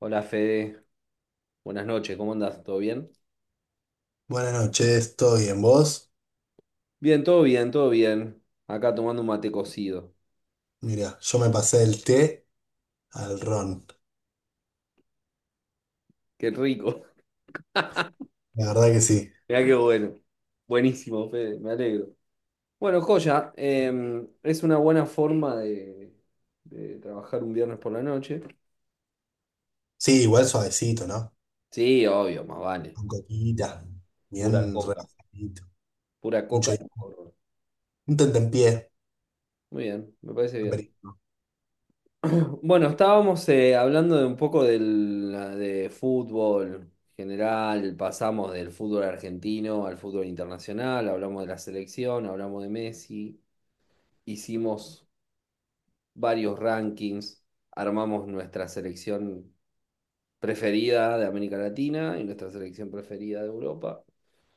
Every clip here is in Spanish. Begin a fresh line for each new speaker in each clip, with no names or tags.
Hola Fede, buenas noches, ¿cómo andás? ¿Todo bien?
Buenas noches, ¿todo bien vos?
Bien, todo bien, todo bien. Acá tomando un mate cocido.
Mira, yo me pasé del té al ron.
Qué rico.
La verdad que sí.
Mirá qué bueno. Buenísimo, Fede, me alegro. Bueno, joya, es una buena forma de trabajar un viernes por la noche.
Sí, igual suavecito, ¿no?
Sí, obvio, más vale.
Con coquita,
Pura
bien
coca.
rebajadito.
Pura coca
Mucho.
y porro.
Un tentempié.
Muy bien, me parece bien.
Aperitivo.
Bueno, estábamos hablando de un poco del, de fútbol general, pasamos del fútbol argentino al fútbol internacional, hablamos de la selección, hablamos de Messi, hicimos varios rankings, armamos nuestra selección preferida de América Latina y nuestra selección preferida de Europa,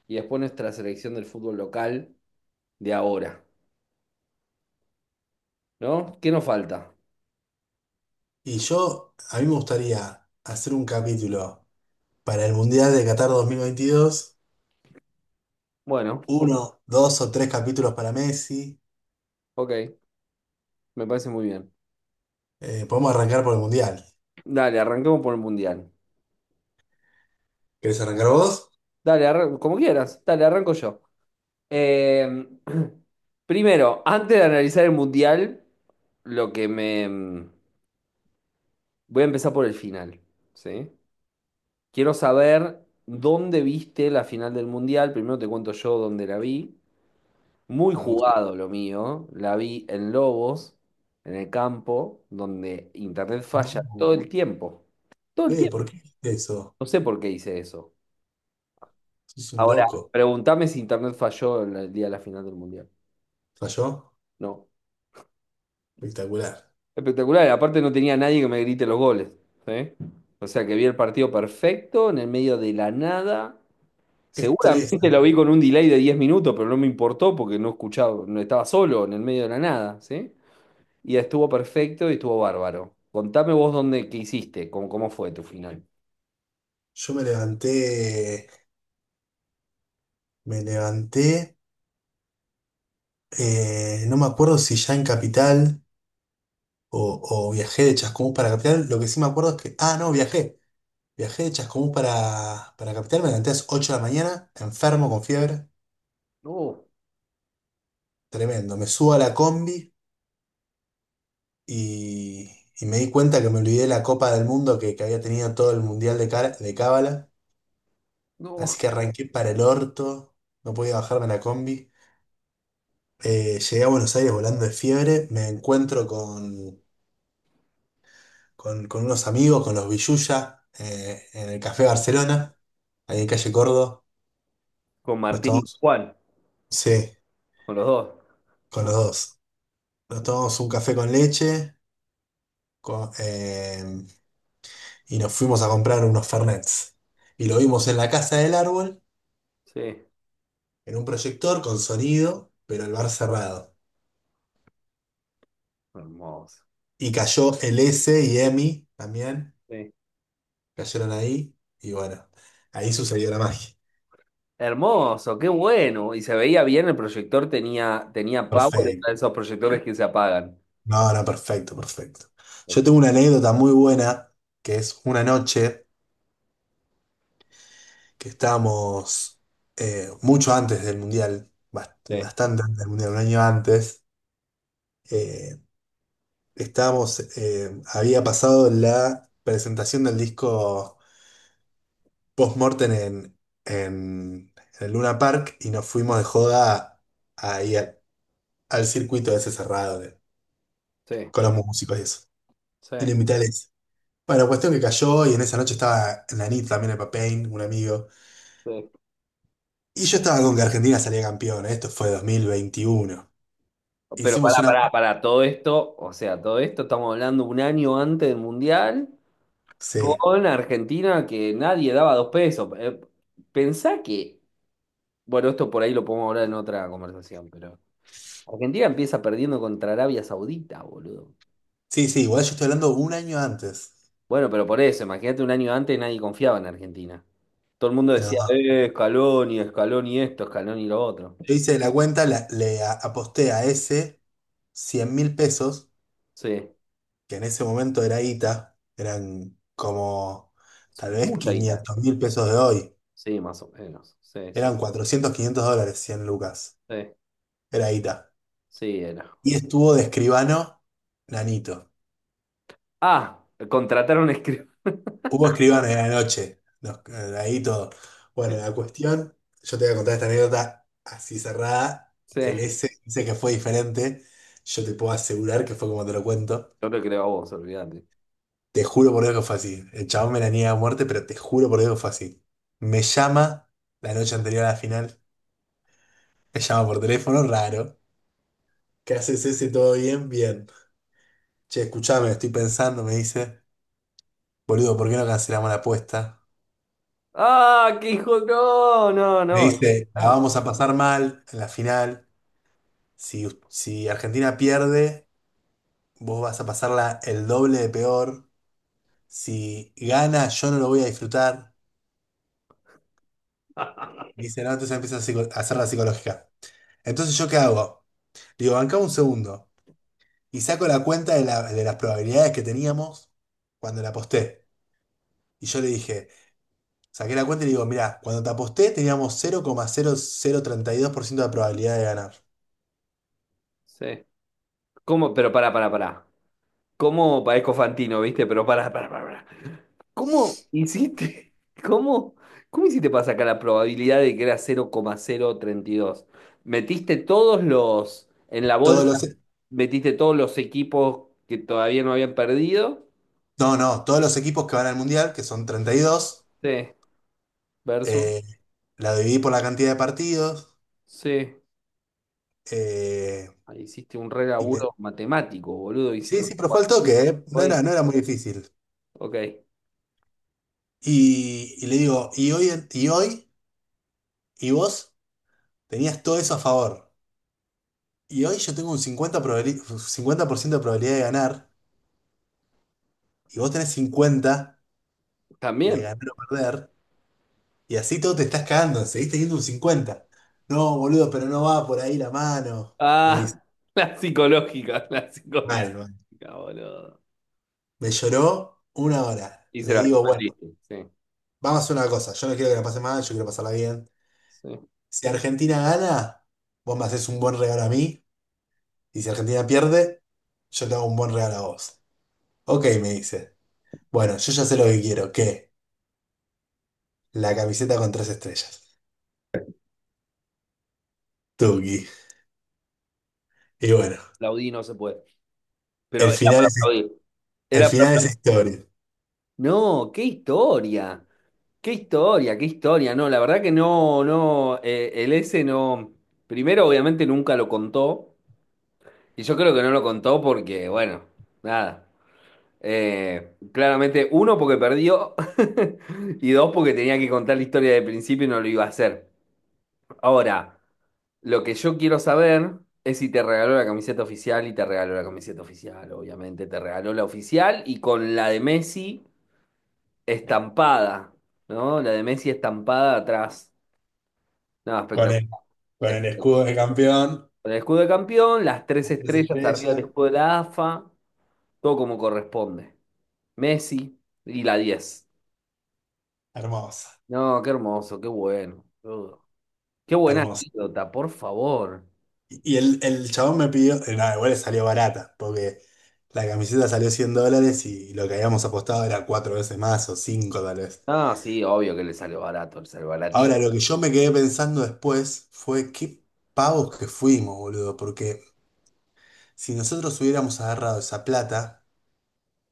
y después nuestra selección del fútbol local de ahora, ¿no? ¿Qué nos falta?
Y yo, a mí me gustaría hacer un capítulo para el Mundial de Qatar 2022.
Bueno,
Uno, dos o tres capítulos para Messi.
ok, me parece muy bien.
Podemos arrancar por el Mundial.
Dale, arranquemos por el Mundial.
¿Querés arrancar vos?
Dale, como quieras. Dale, arranco yo. Eh, primero, antes de analizar el mundial, lo que me... Voy a empezar por el final, ¿sí? Quiero saber dónde viste la final del mundial. Primero te cuento yo dónde la vi. Muy
Me gusta.
jugado lo mío. La vi en Lobos, en el campo, donde internet falla
No,
todo el tiempo. Todo el
Fede,
tiempo.
¿por qué hiciste eso?
No sé por qué hice eso.
Sos un
Ahora,
loco.
pregúntame si internet falló en el día de la final del mundial.
¿Falló?
No.
Espectacular.
Espectacular, y aparte no tenía nadie que me grite los goles. ¿Sí? O sea que vi el partido perfecto, en el medio de la nada.
Qué estrés.
Seguramente lo vi con un delay de 10 minutos, pero no me importó porque no escuchaba, no estaba solo en el medio de la nada, ¿sí? Y estuvo perfecto y estuvo bárbaro. Contame vos dónde, qué hiciste, cómo, cómo fue tu final.
Yo me levanté, no me acuerdo si ya en Capital o viajé de Chascomús para Capital. Lo que sí me acuerdo es que, ah, no, viajé. Viajé de Chascomús para Capital, me levanté a las 8 de la mañana, enfermo, con fiebre,
No,
tremendo. Me subo a la combi y, y me di cuenta que me olvidé la Copa del Mundo que había tenido todo el Mundial de Cábala.
no.
Así que arranqué para el orto, no podía bajarme la combi. Llegué a Buenos Aires volando de fiebre, me encuentro con unos amigos, con los Villuya, en el Café Barcelona, ahí en calle Córdoba.
Con
Nos
Martín y
tomamos,
Juan,
sí,
con los dos.
con los dos. Nos tomamos un café con leche con- eh, y nos fuimos a comprar unos Fernets. Y lo vimos en la casa del árbol,
Sí,
en un proyector con sonido, pero el bar cerrado.
hermoso.
Y cayó el S y Emi también,
Sí.
cayeron ahí, y bueno, ahí sucedió la magia.
Hermoso, qué bueno. Y se veía bien, el proyector tenía, tenía power, era de
Perfecto.
esos proyectores que se apagan.
No, no, perfecto, perfecto. Yo tengo
Perfecto.
una anécdota muy buena, que es una noche que estábamos mucho antes del Mundial, bast-
Sí,
bastante antes del Mundial, un año antes, eh, había pasado la presentación del disco Postmortem en, en, en el Luna Park y nos fuimos de joda ahí al circuito ese cerrado
sí,
con los músicos y eso.
sí,
Y le invité a Alexis. Bueno, cuestión que cayó y en esa noche estaba Nanit también el Papain, un amigo.
sí.
Y yo estaba con que Argentina salía campeón. Esto fue 2021.
Pero
Hicimos
pará,
una.
pará, pará, todo esto, o sea, todo esto estamos hablando un año antes del Mundial,
Sí,
con Argentina que nadie daba dos pesos. Pensá que, bueno, esto por ahí lo podemos hablar en otra conversación, pero Argentina empieza perdiendo contra Arabia Saudita, boludo.
sí, sí, igual yo estoy hablando un año antes.
Bueno, pero por eso, imagínate un año antes nadie confiaba en Argentina. Todo el mundo decía,
No,
Scaloni, Scaloni esto, Scaloni lo otro.
yo hice la cuenta, aposté a ese 100 mil pesos,
Sí,
que en ese momento era ITA, eran como tal vez
mucha guita.
500 mil pesos de hoy.
Sí, más o menos. Sí, sí,
Eran 400, $500, 100 lucas.
sí,
Era ITA.
sí, era.
Y estuvo de escribano Nanito.
Ah, contrataron a
Hubo escribano en la noche. Ahí todo. Bueno, la cuestión, yo te voy a contar esta anécdota así cerrada.
Sí,
El S dice que fue diferente. Yo te puedo asegurar que fue como te lo cuento.
yo lo creo a vos, olvídate.
Te juro por Dios que fue así. El chabón me la niega a muerte, pero te juro por Dios que fue así. Me llama la noche anterior a la final. Me llama por teléfono, raro. ¿Qué haces ese? ¿Todo bien? Bien. Che, escuchame, estoy pensando, me dice. Boludo, ¿por qué no cancelamos la apuesta?
¡Ah, qué hijo! No, no,
Me
no.
dice, la
Ah.
vamos a pasar mal en la final. Si Argentina pierde, vos vas a pasarla el doble de peor. Si gana, yo no lo voy a disfrutar. Me dice, no, entonces empieza a hacer la psicológica. Entonces, ¿yo qué hago? Digo, bancame un segundo. Y saco la cuenta de las probabilidades que teníamos cuando la aposté. Y yo le dije, saqué la cuenta y le digo, mirá, cuando te aposté teníamos 0,0032% de probabilidad de ganar.
Sí. ¿Cómo? Pero pará, pará, pará. ¿Cómo parezco Fantino, viste? Pero pará, pará, pará, pará. ¿Cómo hiciste? ¿Cómo? ¿Cómo hiciste para sacar la probabilidad de que era 00,032? ¿Metiste todos los en la
Todos
bolsa?
los,
¿Metiste todos los equipos que todavía no habían perdido?
no, no, todos los equipos que van al mundial, que son 32.
Sí, versus.
Eh, la dividí por la cantidad de partidos.
Sí.
eh,
Ahí hiciste un re
y me...
laburo matemático, boludo. Hiciste
Sí,
un
sí, pero fue al
cuadrito.
toque, ¿eh? No era muy difícil.
Ok,
Y le digo, y hoy, y vos tenías todo eso a favor. Y hoy yo tengo un cincuenta por ciento de probabilidad de ganar, y vos tenés 50 de
también.
ganar o perder, y así todo te estás cagando, seguís teniendo un cincuenta. No, boludo, pero no va por ahí la mano. Me dice,
Ah, la psicológica,
mal, mal.
boludo.
Me lloró una hora.
Y se
Le
la
digo, bueno.
suspendiste, sí,
Vamos a hacer una cosa. Yo no quiero que la pase mal, yo quiero pasarla bien.
sí.
Si Argentina gana, vos me haces un buen regalo a mí. Y si Argentina pierde, yo te hago un buen regalo a vos. Ok, me dice. Bueno, yo ya sé lo que quiero. ¿Qué? La camiseta con tres estrellas. Tuki. Y bueno,
Aplaudí no se puede. Pero
el
era
final
para
es,
aplaudir.
el
Era para-
final es historia.
No, qué historia, qué historia, qué historia. No, la verdad que no, no, el S no. Primero, obviamente, nunca lo contó. Y yo creo que no lo contó porque, bueno, nada. Claramente, uno, porque perdió. Y dos, porque tenía que contar la historia de principio y no lo iba a hacer. Ahora, lo que yo quiero saber es si te regaló la camiseta oficial y te regaló la camiseta oficial, obviamente. Te regaló la oficial y con la de Messi estampada, ¿no? La de Messi estampada atrás. No,
Con
espectacular.
el, con el
Espectacular.
escudo de campeón,
Con el escudo de campeón, las tres
las tres
estrellas arriba
estrellas.
del escudo de la AFA, todo como corresponde. Messi y la 10.
Hermosa.
No, qué hermoso, qué bueno, boludo. Qué buena
Hermosa.
anécdota, por favor.
Y el chabón me pidió, no, igual le salió barata, porque la camiseta salió $100 y lo que habíamos apostado era cuatro veces más o cinco tal vez.
Ah, sí, obvio que le salió barato, le salió
Ahora,
baratí.
lo que yo me quedé pensando después fue qué pavos que fuimos, boludo, porque si nosotros hubiéramos agarrado esa plata,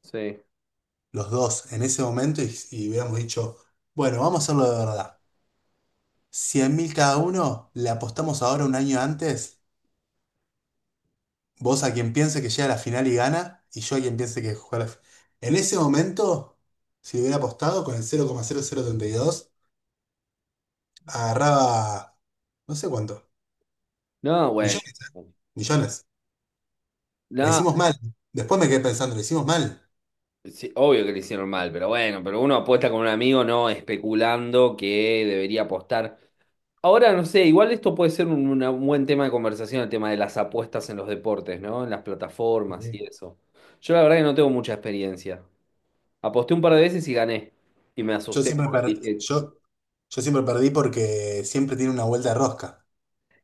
Sí.
los dos, en ese momento y hubiéramos dicho, bueno, vamos a hacerlo de verdad. 100.000 cada uno, le apostamos ahora un año antes. Vos a quien piense que llega a la final y gana, y yo a quien piense que juega la final. En ese momento, si hubiera apostado con el 0,0032 agarraba, no sé cuánto,
No, bueno.
millones, ¿eh? Millones. La
No,
hicimos mal. Después me quedé pensando, la hicimos mal.
sí, obvio que le hicieron mal, pero bueno, pero uno apuesta con un amigo no especulando que debería apostar. Ahora, no sé, igual esto puede ser un, un buen tema de conversación, el tema de las apuestas en los deportes, ¿no? En las plataformas
Sí.
y eso. Yo la verdad que no tengo mucha experiencia. Aposté un par de veces y gané. Y me
Yo
asusté
siempre,
porque
per-
dije,
yo, yo siempre perdí porque siempre tiene una vuelta de rosca.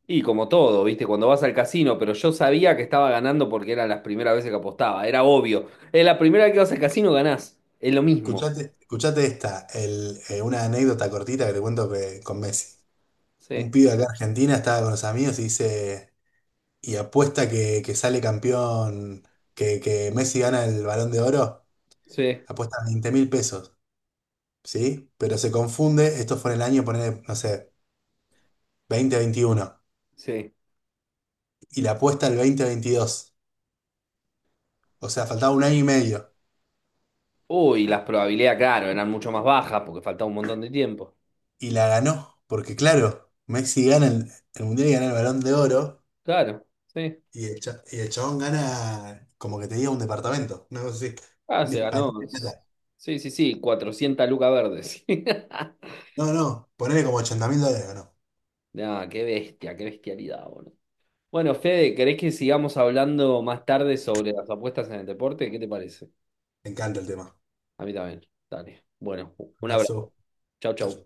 y como todo, ¿viste? Cuando vas al casino, pero yo sabía que estaba ganando porque eran las primeras veces que apostaba. Era obvio. Es la primera vez que vas al casino ganás. Es lo mismo.
Escuchate esta, una anécdota cortita que te cuento con Messi. Un
Sí,
pibe acá en Argentina estaba con los amigos y dice. Y apuesta que sale campeón, que Messi gana el Balón de Oro,
sí,
apuesta 20.000 pesos, ¿sí? Pero se confunde, esto fue en el año, poner, no sé, 2021
sí.
y la apuesta el 2022, o sea, faltaba un año y medio,
Uy, las probabilidades, claro, eran mucho más bajas porque faltaba un montón de tiempo.
y la ganó, porque claro, Messi gana el Mundial y gana el Balón de Oro,
Claro, sí.
y el chabón gana como que te diga un departamento, una cosa así,
Ah,
un
se
disparate
ganó.
de plata.
Sí, sí, sí, 400 lucas verdes.
No, no, ponele como $80.000, ganó.
Ah, qué bestia, qué bestialidad, boludo. Bueno, Fede, ¿querés que sigamos hablando más tarde sobre las apuestas en el deporte? ¿Qué te parece?
Me encanta el tema.
A mí también. Dale. Bueno,
Un
un abrazo.
abrazo.
Chau,
Chau,
chau.
chau.